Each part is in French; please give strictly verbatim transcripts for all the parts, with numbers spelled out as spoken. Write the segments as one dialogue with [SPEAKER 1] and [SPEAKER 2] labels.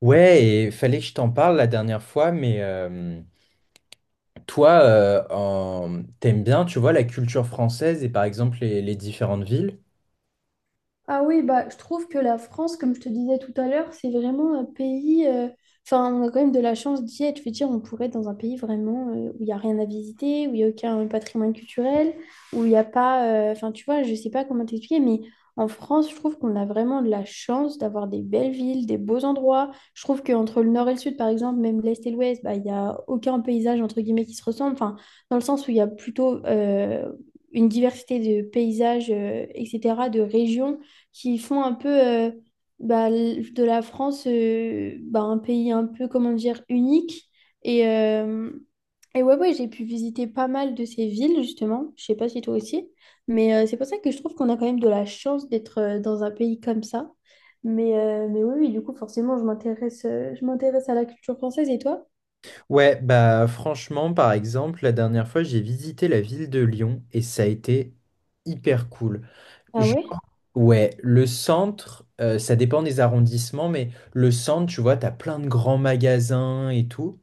[SPEAKER 1] Ouais, et fallait que je t'en parle la dernière fois, mais euh, toi, euh, en- t'aimes bien, tu vois, la culture française et par exemple les, les différentes villes?
[SPEAKER 2] Ah oui, bah, je trouve que la France, comme je te disais tout à l'heure, c'est vraiment un pays. euh, Enfin, on a quand même de la chance d'y être. Je veux dire, on pourrait être dans un pays vraiment euh, où il n'y a rien à visiter, où il n'y a aucun patrimoine culturel, où il n'y a pas. euh, Enfin, tu vois, je ne sais pas comment t'expliquer, mais en France, je trouve qu'on a vraiment de la chance d'avoir des belles villes, des beaux endroits. Je trouve qu'entre le nord et le sud, par exemple, même l'est et l'ouest, bah, il n'y a aucun paysage, entre guillemets, qui se ressemble. Enfin, dans le sens où il y a plutôt. euh, une diversité de paysages, euh, et cetera, de régions qui font un peu euh, bah, l- de la France euh, bah, un pays un peu, comment dire, unique. Et, euh, et ouais, ouais, j'ai pu visiter pas mal de ces villes, justement. Je sais pas si toi aussi. Mais euh, c'est pour ça que je trouve qu'on a quand même de la chance d'être euh, dans un pays comme ça. Mais, euh, mais oui, oui, du coup, forcément, je m'intéresse, euh, je m'intéresse à la culture française. Et toi?
[SPEAKER 1] Ouais, bah franchement, par exemple, la dernière fois, j'ai visité la ville de Lyon et ça a été hyper cool.
[SPEAKER 2] Ah
[SPEAKER 1] Je-
[SPEAKER 2] ouais?
[SPEAKER 1] Ouais, le centre, euh, ça dépend des arrondissements, mais le centre, tu vois, t'as plein de grands magasins et tout.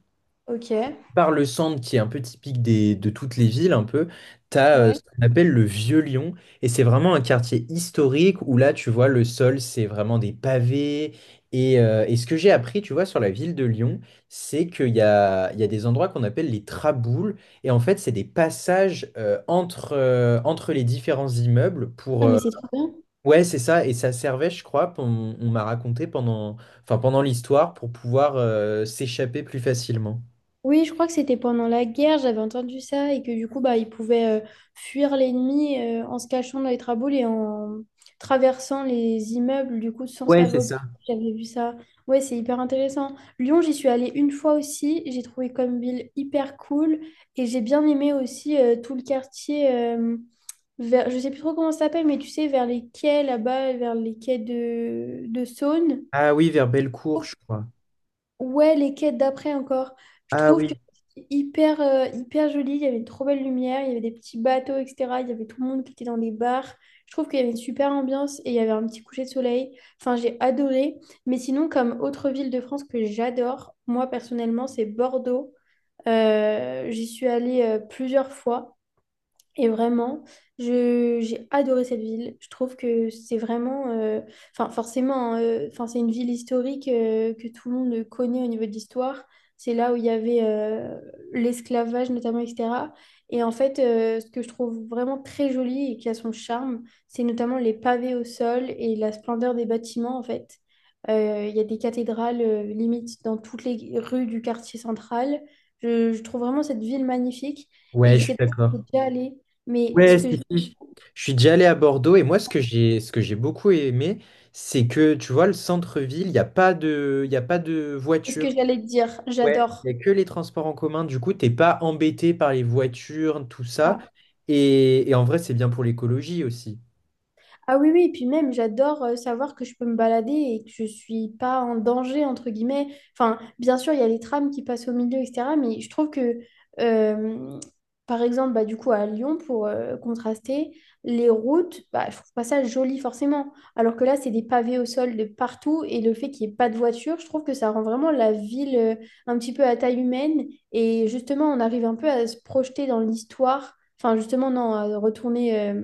[SPEAKER 2] Ok.
[SPEAKER 1] Par le centre qui est un peu typique des, de toutes les villes un peu, t'as euh,
[SPEAKER 2] Ouais.
[SPEAKER 1] ce qu'on appelle le Vieux Lyon, et c'est vraiment un quartier historique où là tu vois le sol c'est vraiment des pavés, et, euh, et ce que j'ai appris tu vois sur la ville de Lyon, c'est qu'il y a, il y a des endroits qu'on appelle les traboules, et en fait c'est des passages euh, entre, euh, entre les différents immeubles pour
[SPEAKER 2] Ah, mais
[SPEAKER 1] euh,
[SPEAKER 2] c'est trop bien.
[SPEAKER 1] ouais, c'est ça. Et ça servait, je crois pour- on, on m'a raconté pendant, enfin pendant l'histoire, pour pouvoir euh, s'échapper plus facilement.
[SPEAKER 2] Oui, je crois que c'était pendant la guerre, j'avais entendu ça, et que du coup, bah, ils pouvaient euh, fuir l'ennemi euh, en se cachant dans les traboules et en traversant les immeubles, du coup, sans se
[SPEAKER 1] Ouais,
[SPEAKER 2] faire
[SPEAKER 1] c'est
[SPEAKER 2] repérer.
[SPEAKER 1] ça.
[SPEAKER 2] J'avais vu ça. Ouais, c'est hyper intéressant. Lyon, j'y suis allée une fois aussi. J'ai trouvé comme ville hyper cool. Et j'ai bien aimé aussi euh, tout le quartier euh, vers, je sais plus trop comment ça s'appelle, mais tu sais, vers les quais là-bas, vers les quais de, de Saône.
[SPEAKER 1] Ah oui, vers Bellecour, je crois.
[SPEAKER 2] Ouais, les quêtes d'après encore. Je
[SPEAKER 1] Ah
[SPEAKER 2] trouve que
[SPEAKER 1] oui,
[SPEAKER 2] c'était hyper, euh, hyper joli. Il y avait une trop belle lumière, il y avait des petits bateaux, et cetera. Il y avait tout le monde qui était dans des bars. Je trouve qu'il y avait une super ambiance et il y avait un petit coucher de soleil. Enfin, j'ai adoré. Mais sinon, comme autre ville de France que j'adore, moi personnellement, c'est Bordeaux. Euh, j'y suis allée euh, plusieurs fois. Et vraiment, je, j'ai adoré cette ville. Je trouve que c'est vraiment, euh, enfin forcément, hein, euh, enfin c'est une ville historique euh, que tout le monde connaît au niveau de l'histoire. C'est là où il y avait euh, l'esclavage notamment, et cetera. Et en fait, euh, ce que je trouve vraiment très joli et qui a son charme, c'est notamment les pavés au sol et la splendeur des bâtiments en fait. Euh, Il y a des cathédrales euh, limite dans toutes les rues du quartier central. Je, je trouve vraiment cette ville magnifique. Et
[SPEAKER 1] ouais,
[SPEAKER 2] je
[SPEAKER 1] je
[SPEAKER 2] sais
[SPEAKER 1] suis
[SPEAKER 2] pas si tu
[SPEAKER 1] d'accord.
[SPEAKER 2] es déjà allé mais ce
[SPEAKER 1] Ouais,
[SPEAKER 2] que,
[SPEAKER 1] si, si. Je suis déjà allé à Bordeaux, et moi, ce que j'ai, ce que j'ai beaucoup aimé, c'est que, tu vois, le centre-ville, il n'y a pas de, il y a pas de
[SPEAKER 2] ce que
[SPEAKER 1] voiture.
[SPEAKER 2] j'allais te dire,
[SPEAKER 1] Ouais, il
[SPEAKER 2] j'adore.
[SPEAKER 1] n'y a que les transports en commun. Du coup, t'es pas embêté par les voitures, tout ça.
[SPEAKER 2] Ça.
[SPEAKER 1] Et, et en vrai, c'est bien pour l'écologie aussi.
[SPEAKER 2] Ah oui, oui, et puis même, j'adore euh, savoir que je peux me balader et que je suis pas en danger, entre guillemets. Enfin, bien sûr, il y a les trams qui passent au milieu, et cetera. Mais je trouve que, euh, par exemple, bah, du coup, à Lyon, pour euh, contraster, les routes, bah, je trouve pas ça joli forcément. Alors que là, c'est des pavés au sol de partout et le fait qu'il n'y ait pas de voiture, je trouve que ça rend vraiment la ville euh, un petit peu à taille humaine. Et justement, on arrive un peu à se projeter dans l'histoire. Enfin, justement, non, à retourner euh,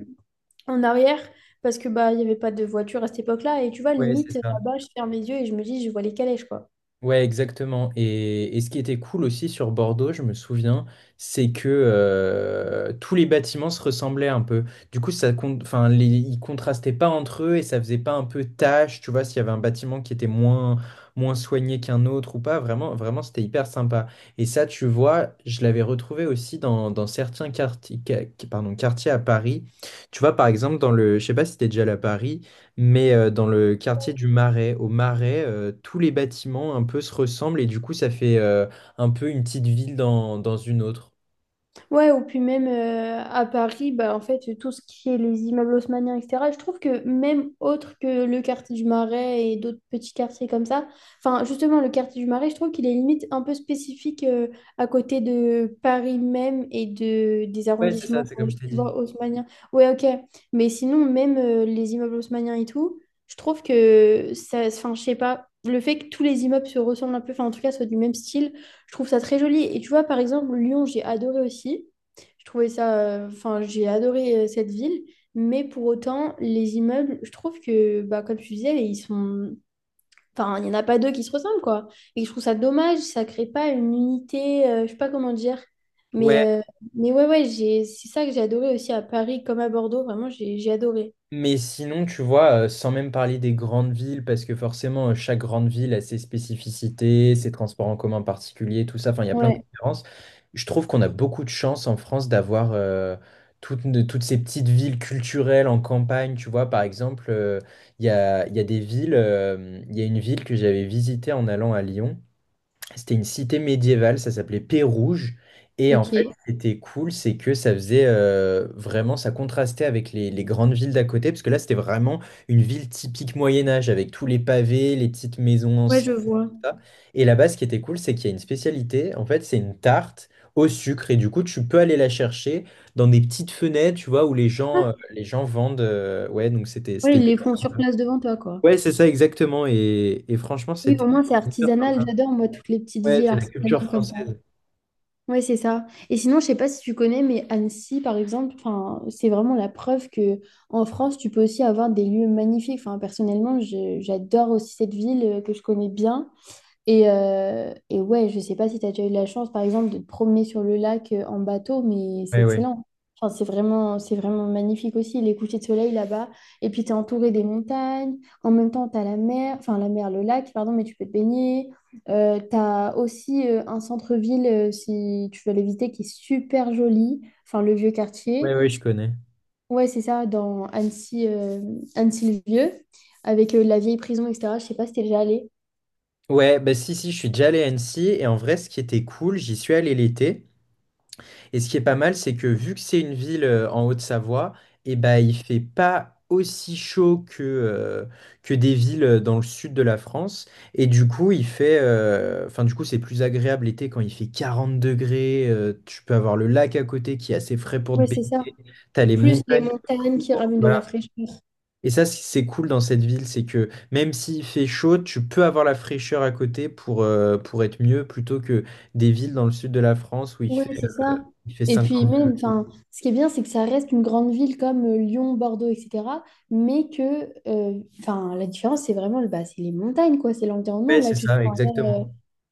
[SPEAKER 2] en arrière parce que bah il n'y avait pas de voiture à cette époque-là. Et tu vois,
[SPEAKER 1] Ouais, c'est
[SPEAKER 2] limite,
[SPEAKER 1] ça.
[SPEAKER 2] là-bas, je ferme les yeux et je me dis, je vois les calèches, quoi.
[SPEAKER 1] Ouais, exactement. Et, et ce qui était cool aussi sur Bordeaux, je me souviens, c'est que euh, tous les bâtiments se ressemblaient un peu. Du coup, ça, con- enfin, les- ils contrastaient pas entre eux et ça faisait pas un peu tâche, tu vois, s'il y avait un bâtiment qui était moins, moins soigné qu'un autre ou pas. Vraiment, vraiment, c'était hyper sympa. Et ça, tu vois, je l'avais retrouvé aussi dans, dans certains quartiers, ca- pardon, quartiers à Paris. Tu vois, par exemple, dans le, je sais pas si t'es déjà allé à Paris. Mais euh, dans le quartier du Marais, au Marais, euh, tous les bâtiments un peu se ressemblent et du coup, ça fait euh, un peu une petite ville dans, dans une autre.
[SPEAKER 2] Ouais, ou puis même euh, à Paris, bah, en fait, tout ce qui est les immeubles haussmanniens, et cetera, je trouve que même autre que le quartier du Marais et d'autres petits quartiers comme ça, enfin, justement, le quartier du Marais, je trouve qu'il est limite un peu spécifique euh, à côté de Paris même et de, des
[SPEAKER 1] Ouais, c'est ça,
[SPEAKER 2] arrondissements,
[SPEAKER 1] c'est
[SPEAKER 2] euh,
[SPEAKER 1] comme je t'ai
[SPEAKER 2] tu
[SPEAKER 1] dit.
[SPEAKER 2] vois, haussmanniens. Ouais, ok, mais sinon, même euh, les immeubles haussmanniens et tout, je trouve que ça, enfin, je sais pas, le fait que tous les immeubles se ressemblent un peu, enfin, en tout cas, soient du même style, je trouve ça très joli. Et tu vois, par exemple, Lyon, j'ai adoré aussi. Je trouvais ça, euh, enfin, j'ai adoré euh, cette ville. Mais pour autant, les immeubles, je trouve que, bah, comme tu disais, ils sont, enfin, il n'y en a pas deux qui se ressemblent, quoi. Et je trouve ça dommage, ça crée pas une unité, euh, je sais pas comment dire. Mais,
[SPEAKER 1] Ouais,
[SPEAKER 2] euh, mais ouais, ouais, j'ai, c'est ça que j'ai adoré aussi à Paris comme à Bordeaux. Vraiment, j'ai, j'ai adoré.
[SPEAKER 1] mais sinon, tu vois, euh, sans même parler des grandes villes, parce que forcément, euh, chaque grande ville a ses spécificités, ses transports en commun particuliers, tout ça, enfin, il y a plein de
[SPEAKER 2] Ouais,
[SPEAKER 1] différences. Je trouve qu'on a beaucoup de chance en France d'avoir euh, toutes, de- toutes ces petites villes culturelles en campagne, tu vois, par exemple, euh, il y a, il y a des villes, euh, il y a une ville que j'avais visitée en allant à Lyon. C'était une cité médiévale, ça s'appelait Pérouge. Et en fait,
[SPEAKER 2] ok.
[SPEAKER 1] c'était cool, c'est que ça faisait euh, vraiment, ça contrastait avec les, les grandes villes d'à côté, parce que là, c'était vraiment une ville typique Moyen-Âge, avec tous les pavés, les petites maisons
[SPEAKER 2] Ouais,
[SPEAKER 1] anciennes,
[SPEAKER 2] je
[SPEAKER 1] tout
[SPEAKER 2] vois.
[SPEAKER 1] ça. Et là-bas, ce qui était cool, c'est qu'il y a une spécialité, en fait, c'est une tarte au sucre. Et du coup, tu peux aller la chercher dans des petites fenêtres, tu vois, où les gens,
[SPEAKER 2] Ah,
[SPEAKER 1] euh, les gens vendent. Euh, ouais, donc c'était,
[SPEAKER 2] ouais,
[SPEAKER 1] c'était...
[SPEAKER 2] ils les font sur place devant toi, quoi.
[SPEAKER 1] Ouais, c'est ça, exactement. Et, et franchement,
[SPEAKER 2] Oui,
[SPEAKER 1] c'était...
[SPEAKER 2] au moins, c'est artisanal. J'adore, moi, toutes les petites
[SPEAKER 1] Ouais,
[SPEAKER 2] villes
[SPEAKER 1] c'est la culture
[SPEAKER 2] artisanales comme ça.
[SPEAKER 1] française.
[SPEAKER 2] Ouais, c'est ça. Et sinon, je sais pas si tu connais, mais Annecy, par exemple, enfin, c'est vraiment la preuve que en France, tu peux aussi avoir des lieux magnifiques. Enfin, personnellement, je- j'adore aussi cette ville euh, que je connais bien. Et, euh, et ouais, je sais pas si tu as déjà eu la chance, par exemple, de te promener sur le lac euh, en bateau, mais c'est
[SPEAKER 1] Ouais, ouais.
[SPEAKER 2] excellent. Enfin, c'est vraiment, c'est vraiment magnifique aussi, les couchers de soleil là-bas. Et puis, tu es entouré des montagnes. En même temps, tu as la mer, enfin la mer, le lac, pardon, mais tu peux te baigner. Euh, tu as aussi euh, un centre-ville, euh, si tu veux l'éviter, qui est super joli. Enfin, le vieux quartier.
[SPEAKER 1] Ouais, ouais, je connais.
[SPEAKER 2] Ouais, c'est ça, dans Annecy, euh, Annecy-le-Vieux, avec euh, la vieille prison, et cetera. Je sais pas si t'es déjà allé.
[SPEAKER 1] Ouais, bah si, si, je suis déjà allé à Annecy et en vrai, ce qui était cool, j'y suis allé l'été. Et ce qui est pas mal, c'est que vu que c'est une ville euh, en Haute-Savoie, et bah il fait pas aussi chaud que, euh, que des villes euh, dans le sud de la France. Et du coup, il fait. Euh, Enfin, du coup, c'est plus agréable l'été quand il fait quarante degrés. Euh, tu peux avoir le lac à côté qui est assez frais pour te
[SPEAKER 2] Ouais, c'est ça,
[SPEAKER 1] baigner. T'as les
[SPEAKER 2] plus les
[SPEAKER 1] montagnes
[SPEAKER 2] montagnes qui
[SPEAKER 1] autour,
[SPEAKER 2] ramènent de la
[SPEAKER 1] voilà.
[SPEAKER 2] fraîcheur.
[SPEAKER 1] Et ça, c- c'est cool dans cette ville, c'est que même s'il fait chaud, tu peux avoir la fraîcheur à côté pour, euh, pour être mieux plutôt que des villes dans le sud de la France où il fait,
[SPEAKER 2] Ouais, c'est ça.
[SPEAKER 1] il fait
[SPEAKER 2] Et puis
[SPEAKER 1] cinquante degrés.
[SPEAKER 2] même, enfin, ce qui est bien, c'est que ça reste une grande ville comme euh, Lyon, Bordeaux, et cetera. Mais que, euh, enfin, la différence, c'est vraiment, le- bah, c'est les montagnes, quoi, c'est l'environnement.
[SPEAKER 1] Ouais,
[SPEAKER 2] Là,
[SPEAKER 1] c'est
[SPEAKER 2] tu te
[SPEAKER 1] ça,
[SPEAKER 2] prends,
[SPEAKER 1] exactement.
[SPEAKER 2] euh,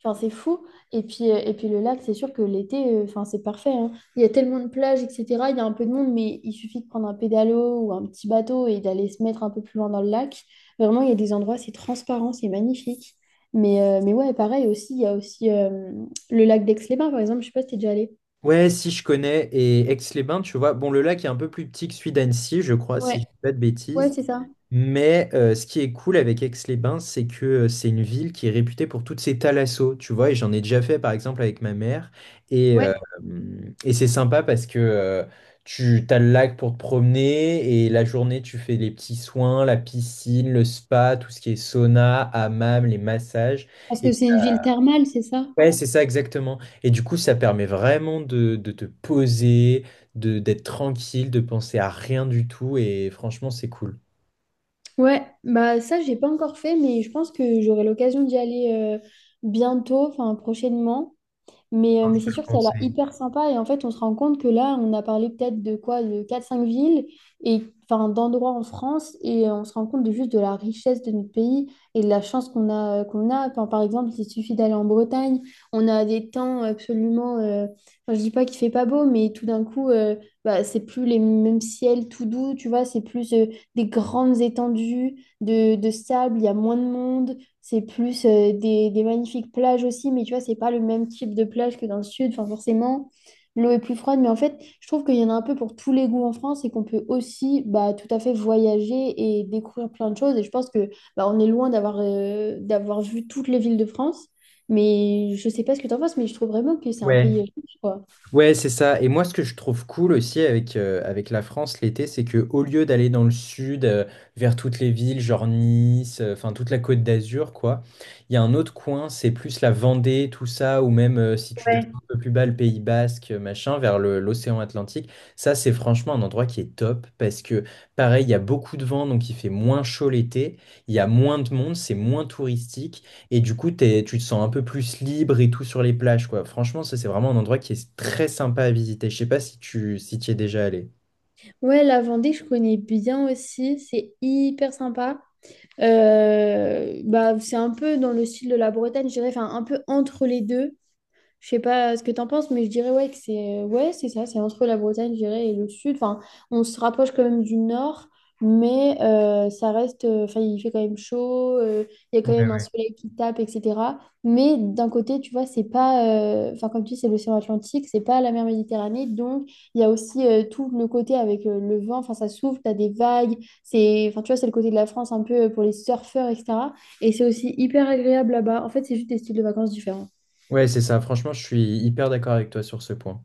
[SPEAKER 2] enfin, c'est fou. Et puis, euh, et puis le lac, c'est sûr que l'été, euh, enfin, c'est parfait, hein. Il y a tellement de plages, et cetera. Il y a un peu de monde, mais il suffit de prendre un pédalo ou un petit bateau et d'aller se mettre un peu plus loin dans le lac. Vraiment, il y a des endroits, c'est transparent, c'est magnifique. Mais, euh, mais ouais, pareil aussi, il y a aussi euh, le lac d'Aix-les-Bains, par exemple, je sais pas si t'es déjà allé.
[SPEAKER 1] Ouais, si je connais. Et Aix-les-Bains, tu vois. Bon, le lac est un peu plus petit que celui d'Annecy, je crois, si je
[SPEAKER 2] Ouais,
[SPEAKER 1] dis pas de
[SPEAKER 2] ouais,
[SPEAKER 1] bêtises.
[SPEAKER 2] c'est ça.
[SPEAKER 1] Mais euh, ce qui est cool avec Aix-les-Bains, c'est que euh, c'est une ville qui est réputée pour toutes ses thalassos, tu vois, et j'en ai déjà fait par exemple avec ma mère, et, euh,
[SPEAKER 2] Ouais,
[SPEAKER 1] et c'est sympa parce que euh, tu as le lac pour te promener, et la journée tu fais les petits soins, la piscine, le spa, tout ce qui est sauna, hammam, les massages,
[SPEAKER 2] parce
[SPEAKER 1] et
[SPEAKER 2] que c'est une ville thermale, c'est ça?
[SPEAKER 1] ouais, c'est ça exactement, et du coup ça permet vraiment de, de te poser, de, d'être tranquille, de penser à rien du tout, et franchement c'est cool.
[SPEAKER 2] Ouais. Bah ça, j'ai pas encore fait, mais je pense que j'aurai l'occasion d'y aller euh, bientôt, enfin prochainement. Mais, euh, mais
[SPEAKER 1] Je te
[SPEAKER 2] c'est
[SPEAKER 1] le
[SPEAKER 2] sûr que ça a l'air
[SPEAKER 1] conseille.
[SPEAKER 2] hyper sympa. Et en fait, on se rend compte que là, on a parlé peut-être de quoi, de quatre cinq villes, et enfin d'endroits en France, et euh, on se rend compte de juste de la richesse de notre pays et de la chance qu'on a, euh, qu'on a. Enfin, par exemple, il suffit d'aller en Bretagne, on a des temps absolument. Euh, enfin, je dis pas qu'il fait pas beau, mais tout d'un coup, euh, bah, c'est plus les mêmes ciels tout doux, tu vois, c'est plus euh, des grandes étendues de, de sable, il y a moins de monde. C'est plus euh, des, des magnifiques plages aussi, mais tu vois, c'est pas le même type de plage que dans le sud. Enfin, forcément, l'eau est plus froide, mais en fait, je trouve qu'il y en a un peu pour tous les goûts en France et qu'on peut aussi bah, tout à fait voyager et découvrir plein de choses. Et je pense que bah, on est loin d'avoir euh, d'avoir vu toutes les villes de France, mais je sais pas ce que t'en penses, mais je trouve vraiment que c'est un
[SPEAKER 1] Ouais.
[SPEAKER 2] pays riche, quoi.
[SPEAKER 1] Ouais, c'est ça. Et moi, ce que je trouve cool aussi avec, euh, avec la France l'été, c'est que au lieu d'aller dans le sud, euh, vers toutes les villes, genre Nice, euh, enfin toute la Côte d'Azur, quoi, il y a un autre coin, c'est plus la Vendée, tout ça, ou même euh, si tu descends
[SPEAKER 2] Ouais.
[SPEAKER 1] un peu plus bas, le Pays Basque, euh, machin, vers le- l'océan Atlantique. Ça, c'est franchement un endroit qui est top parce que, pareil, il y a beaucoup de vent, donc il fait moins chaud l'été, il y a moins de monde, c'est moins touristique. Et du coup, t'es- tu te sens un peu plus libre et tout sur les plages, quoi. Franchement, ça, c'est vraiment un endroit qui est très sympa à visiter. Je sais pas si tu si t'y es déjà allé.
[SPEAKER 2] Ouais, la Vendée, je connais bien aussi. C'est hyper sympa. Euh, bah, c'est un peu dans le style de la Bretagne, je dirais, enfin, un peu entre les deux. Je sais pas ce que t'en penses, mais je dirais ouais que c'est ouais, c'est ça, c'est entre la Bretagne, je dirais, et le sud. Enfin, on se rapproche quand même du nord, mais euh, ça reste. euh, Enfin, il fait quand même chaud, euh, il y a quand
[SPEAKER 1] Ouais,
[SPEAKER 2] même un
[SPEAKER 1] ouais.
[SPEAKER 2] soleil qui tape, et cetera. Mais d'un côté, tu vois, c'est pas. euh, Enfin, comme tu dis, c'est l'océan Atlantique, c'est pas la mer Méditerranée, donc il y a aussi euh, tout le côté avec euh, le vent. Enfin, ça souffle, t'as des vagues. C'est. Enfin, tu vois, c'est le côté de la France un peu euh, pour les surfeurs, et cetera. Et c'est aussi hyper agréable là-bas. En fait, c'est juste des styles de vacances différents.
[SPEAKER 1] Ouais, c'est ça. Franchement, je suis hyper d'accord avec toi sur ce point.